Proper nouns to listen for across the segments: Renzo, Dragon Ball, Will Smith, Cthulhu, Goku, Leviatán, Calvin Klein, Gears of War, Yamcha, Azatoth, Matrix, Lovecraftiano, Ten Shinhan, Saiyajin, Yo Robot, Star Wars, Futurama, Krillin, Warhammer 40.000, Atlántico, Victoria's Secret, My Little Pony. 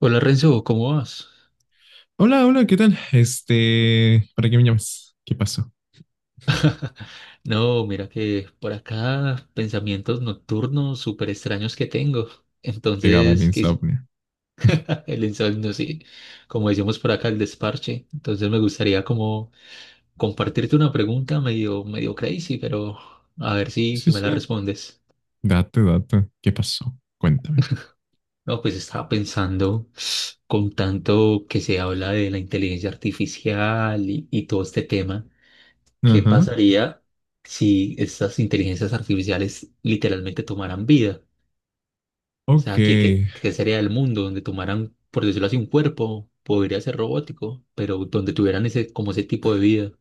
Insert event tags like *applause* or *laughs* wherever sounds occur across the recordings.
Hola Renzo, ¿cómo vas? Hola, hola, ¿qué tal? Este, ¿para qué me llamas? ¿Qué pasó? No, mira que por acá pensamientos nocturnos súper extraños que tengo. Pegaba el Entonces, que insomnio. *laughs* *laughs* el insomnio, sí, como decimos por acá, el desparche. Entonces me gustaría como compartirte una pregunta medio crazy, pero a ver si Sí, me la sí, respondes. date. ¿Qué pasó? Cuéntame. No, pues estaba pensando con tanto que se habla de la inteligencia artificial y todo este tema. ¿Qué Ajá. pasaría si estas inteligencias artificiales literalmente tomaran vida? O Ok. sea, ¿qué sería el mundo donde tomaran, por decirlo así, un cuerpo? Podría ser robótico, pero donde tuvieran ese, como ese tipo de vida.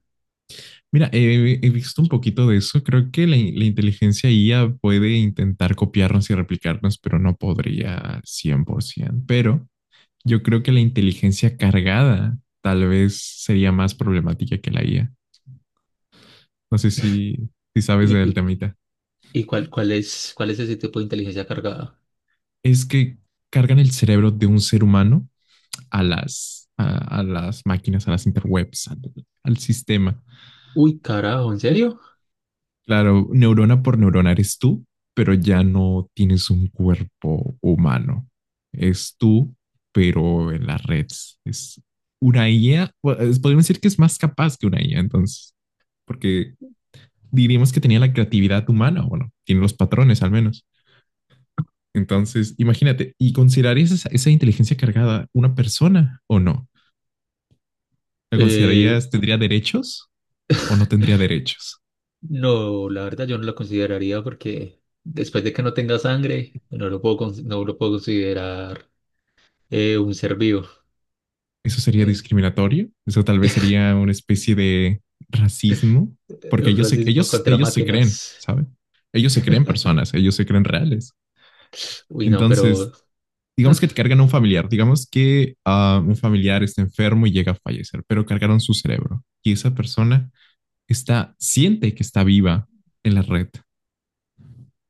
Mira, he visto un poquito de eso. Creo que la inteligencia IA puede intentar copiarnos y replicarnos, pero no podría 100%. Pero yo creo que la inteligencia cargada tal vez sería más problemática que la IA. No sé si sabes ¿Y, del y, temita. y cuál es, cuál es ese tipo de inteligencia cargada? Es que cargan el cerebro de un ser humano a las máquinas, a las interwebs, al sistema. Uy, carajo, ¿en serio? Claro, neurona por neurona eres tú, pero ya no tienes un cuerpo humano. Es tú, pero en las redes. Es una IA, podríamos decir que es más capaz que una IA, entonces, porque diríamos que tenía la creatividad humana, bueno, tiene los patrones al menos. Entonces, imagínate, ¿y considerarías esa inteligencia cargada una persona o no? ¿La Eh, considerarías, tendría derechos? O no tendría derechos. no, la verdad yo no la consideraría porque después de que no tenga sangre, no lo puedo, no lo puedo considerar un ser vivo. ¿Eso sería En- discriminatorio? ¿Eso tal vez sería una especie de racismo? Porque un ellos se, racismo ellos, contra ellos se creen, máquinas. ¿saben? Ellos se creen personas, ellos se creen reales. Uy, no, pero, Entonces, digamos que te *laughs* cargan a un familiar, digamos que un familiar está enfermo y llega a fallecer, pero cargaron su cerebro y esa persona está, siente que está viva en la red.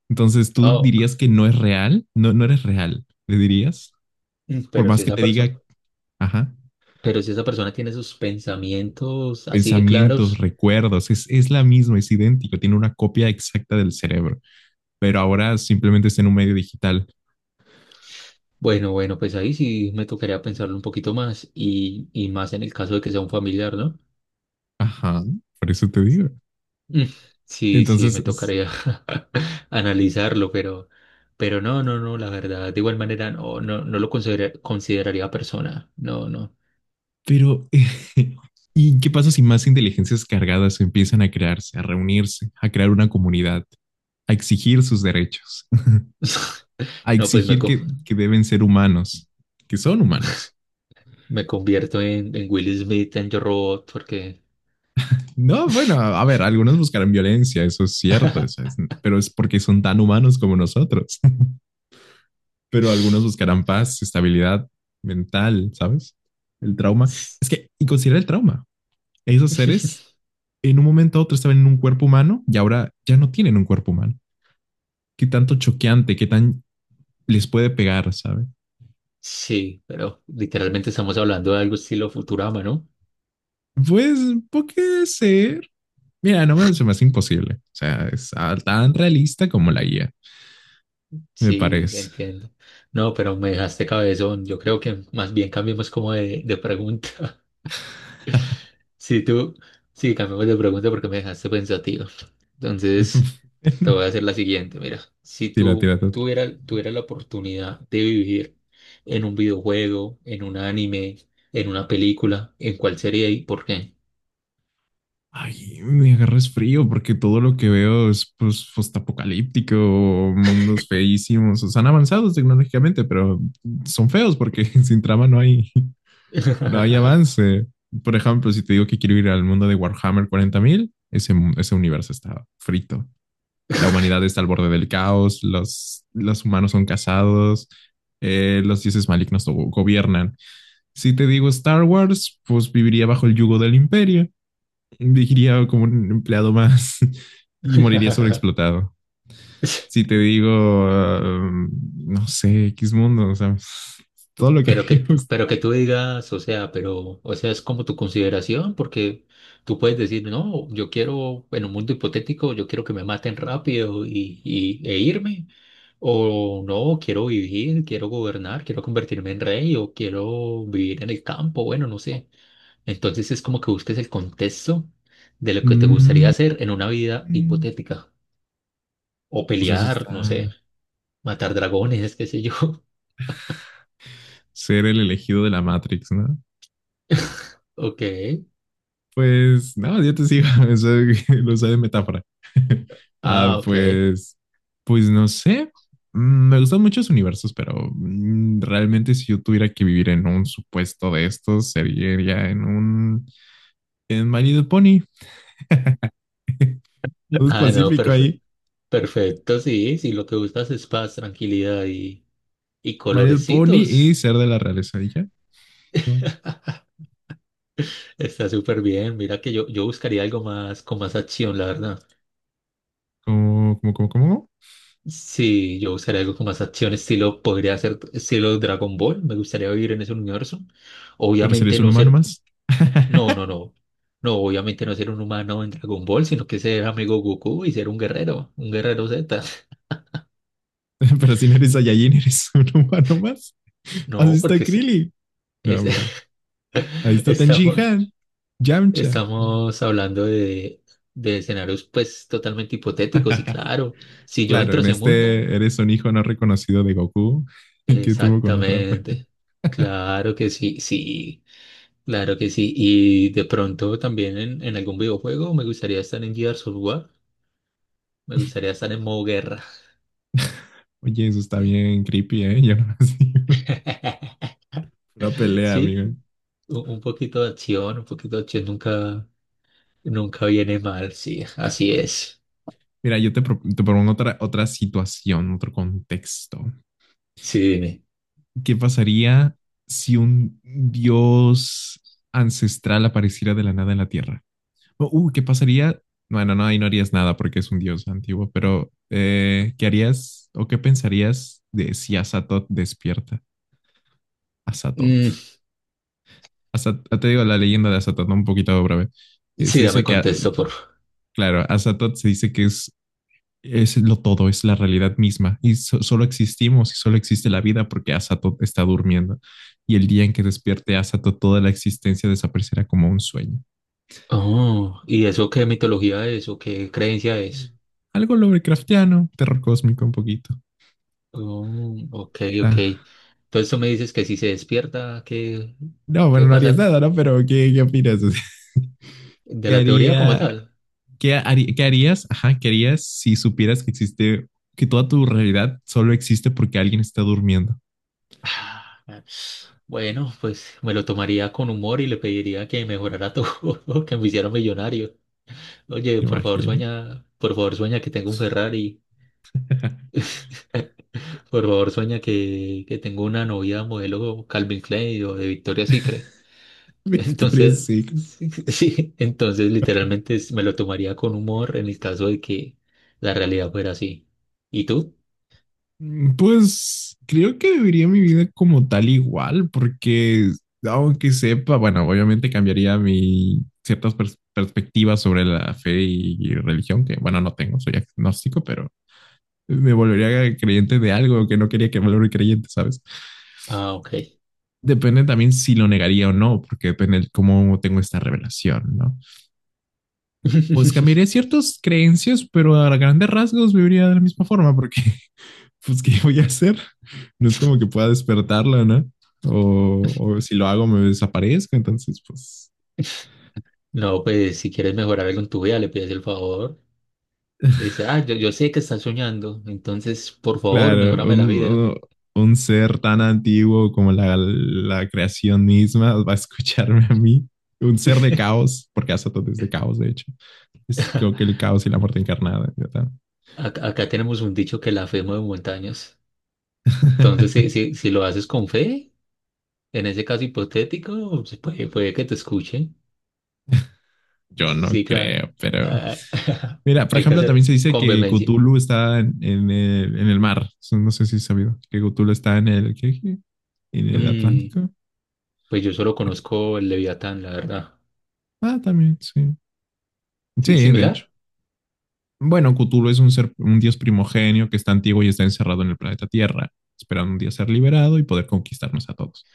Entonces, ¿tú oh, dirías que no es real? No, no eres real, le dirías, por pero si más que esa te persona, diga, ajá, pero si esa persona tiene sus pensamientos así de pensamientos, claros, recuerdos, es la misma, es idéntico, tiene una copia exacta del cerebro, pero ahora simplemente está en un medio digital. bueno, pues ahí sí me tocaría pensarlo un poquito más y más en el caso de que sea un familiar, ¿no? Ajá, por eso te digo. Mm, sí, sí, Entonces, me es, tocaría *laughs* analizarlo, pero no, no, no, la verdad, de igual manera no, no, no lo consideraría persona, no, no. pero *laughs* ¿y qué pasa si más inteligencias cargadas empiezan a crearse, a reunirse, a crear una comunidad, a exigir sus derechos, *laughs* *laughs* a No, pues exigir que deben ser humanos, que son *laughs* humanos? me convierto en Will Smith en Yo Robot porque No, bueno, a ver, algunos buscarán violencia, eso es cierto, eso *laughs* es, pero es porque son tan humanos como nosotros. Pero algunos *laughs* buscarán paz, estabilidad mental, ¿sabes? El trauma. Es que, y considera el trauma. Esos seres en un momento a otro estaban en un cuerpo humano y ahora ya no tienen un cuerpo humano. Qué tanto choqueante, qué tan les puede pegar, ¿sabes? sí, pero literalmente estamos hablando de algo estilo Futurama, ¿no? Pues puede ser. Mira, no me, se me hace imposible. O sea, es tan realista como la guía, me Sí, parece. entiendo. No, pero me dejaste cabezón. Yo creo que más bien cambiemos como de pregunta. *laughs* Sí, tú, sí, cambiemos de pregunta porque me dejaste pensativo. *laughs* Entonces, te Bueno, voy a hacer la siguiente. Mira, si tú tírate otra. tuvieras tuviera la oportunidad de vivir en un videojuego, en un anime, en una película, ¿en cuál sería y por qué? Ay, me agarras frío porque todo lo que veo es pues postapocalíptico, mundos feísimos, o sea, han avanzado tecnológicamente, pero son feos porque *laughs* sin trama no hay, no hay avance. Por ejemplo, si te digo que quiero ir al mundo de Warhammer 40000, ese, ese universo está frito. La humanidad *laughs* está al borde del caos, los humanos son casados, los dioses malignos gobiernan. Si te digo Star Wars, pues viviría bajo el yugo del imperio, viviría como un empleado más *laughs* y moriría sobreexplotado. Si te digo, um, no sé, X mundo, o sea, *laughs* todo lo que vimos, pero que tú digas, o sea, pero, o sea, es como tu consideración, porque tú puedes decir, no, yo quiero, en un mundo hipotético, yo quiero que me maten rápido e irme, o no, quiero vivir, quiero gobernar, quiero convertirme en rey, o quiero vivir en el campo, bueno, no sé. Entonces es como que busques el contexto de lo que te gustaría mm, hacer en una vida hipotética, o pues eso pelear, no sé, está matar dragones, *laughs* qué sé yo. *laughs* ser el elegido de la Matrix, ¿no? Ok, Pues no, yo te sigo, *laughs* eso *laughs* lo usé de metáfora. *laughs* Ah, ok. Pues, pues no sé. Me gustan muchos universos, pero realmente si yo tuviera que vivir en un supuesto de estos, sería en un en My Little Pony. Todo es Ah, no, pacífico perfecto. ahí. Perfecto, sí, sí, lo que buscas es paz, tranquilidad y My Little Pony y colorecitos. ser de la realeza. ¿Y ya? ¿Qué más? Está súper bien. Mira que yo buscaría algo más con más acción, la verdad. ¿Cómo? Sí, yo buscaría algo con más acción, estilo, podría ser estilo Dragon Ball. Me gustaría vivir en ese universo. Pero serías Obviamente un no humano ser, más. no, no, *laughs* no. No, obviamente no ser un humano en Dragon Ball, sino que ser amigo Goku y ser un guerrero Z. *laughs* Pero si no eres Saiyajin, eres *laughs* un humano más. Así No, está porque Krillin. No, es- hombre. Ahí *laughs* está Ten estamos, Shinhan. Yamcha. estamos hablando de escenarios pues totalmente hipotéticos y *laughs* claro, si yo Claro, entro a en ese mundo, este eres un hijo no reconocido de Goku que tuvo con otra. exactamente, *laughs* claro que sí, sí, claro que sí. Y de pronto también en algún videojuego me gustaría estar en Gears of War, me gustaría estar en modo guerra. Oye, eso está bien creepy, ¿eh? Yo no *laughs* sé. *laughs* Una pelea, amigo. Sí, un poquito de acción, un poquito de acción nunca, nunca viene mal, sí, así es. Mira, yo te, te propongo otra situación, otro contexto. Sí, dime. ¿Qué pasaría si un dios ancestral apareciera de la nada en la Tierra? O, ¿qué pasaría? Bueno, no, ahí no harías nada porque es un dios antiguo, pero ¿qué harías o qué pensarías de si Azatoth despierta? Azatoth. Mm, Te digo la leyenda de Azatoth, ¿no? Un poquito breve. Sí, Se dame dice que, contesto. claro, Azatoth se dice que es lo todo, es la realidad misma. Y solo existimos y solo existe la vida porque Asato está durmiendo. Y el día en que despierte Asato, toda la existencia desaparecerá como un sueño. Oh, ¿y eso qué mitología es o qué creencia es? Algo Lovecraftiano, terror cósmico un poquito. Oh, ok, ok. Ah, Entonces tú me dices que si se despierta, ¿qué, no, qué bueno, va a no harías pasar? nada, ¿no? Pero ¿qué, qué opinas? *laughs* De ¿Qué la teoría como haría, tal. Qué harías? Ajá, ¿qué harías si supieras que existe, que toda tu realidad solo existe porque alguien está durmiendo? Ah, bueno, pues me lo tomaría con humor y le pediría que mejorara todo, *laughs* que me hiciera millonario. Oye, ¿Te imaginas? Por favor sueña que tengo un Ferrari, *laughs* por favor sueña que tengo una novia modelo Calvin Klein o de Victoria's Secret. Victoria Entonces, sí. *laughs* sí, entonces literalmente me lo tomaría con humor en el caso de que la realidad fuera así. ¿Y tú? Pues creo que viviría mi vida como tal igual, porque aunque sepa, bueno, obviamente cambiaría mi ciertas perspectivas sobre la fe y religión, que bueno, no tengo, soy agnóstico, pero me volvería creyente de algo que no quería que me volviera creyente, ¿sabes? Ah, ok. Depende también si lo negaría o no, porque depende de cómo tengo esta revelación, ¿no? Pues *laughs* cambiaría ciertas creencias, pero a grandes rasgos viviría de la misma forma, porque pues, ¿qué voy a hacer? No es como que pueda despertarla, ¿no? O si lo hago me desaparezco, entonces, pues, No, pues si quieres mejorar algo en tu vida, le pides el favor. Le dices, ah, yo sé que estás soñando, entonces por favor, claro, mejórame la vida. Un ser tan antiguo como la creación misma *laughs* va a escucharme a mí. Un ser de caos, porque Azatoth es de caos, de hecho. Es creo que el caos y la muerte encarnada. Ya Acá, acá tenemos un dicho que la fe mueve montañas. Entonces, si, *laughs* si, si lo haces con fe, en ese caso hipotético, pues, puede, puede que te escuchen. yo no Sí, claro. creo, pero... Ah, *laughs* Mira, por hay que ejemplo, también hacer se dice con que vehemencia. Cthulhu está en el mar. Eso no sé si es sabido que Cthulhu está en el... ¿qué? ¿En el Mm, Atlántico? pues yo solo Sí. conozco el Leviatán, la verdad. Ah, también, sí. ¿Sí? Sí, de hecho. ¿Similar? Bueno, Cthulhu es un ser, un dios primogenio que está antiguo y está encerrado en el planeta Tierra, esperando un día ser liberado y poder conquistarnos a todos.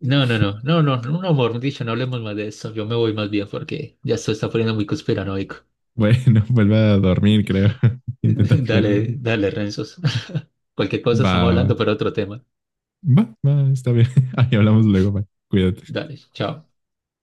No, no, no, no, no, no, no, amor, dicho, no hablemos más de eso. Yo me voy más bien porque ya esto está poniendo muy conspiranoico. Bueno, *laughs* vuelve a dormir, creo. *laughs* *laughs* Intenta flera Dale, dormir. dale, Renzos. *laughs* Cualquier cosa Va, estamos va, hablando, pero otro tema. Va, está bien. *laughs* Ahí hablamos luego, va. Cuídate. Dale, chao.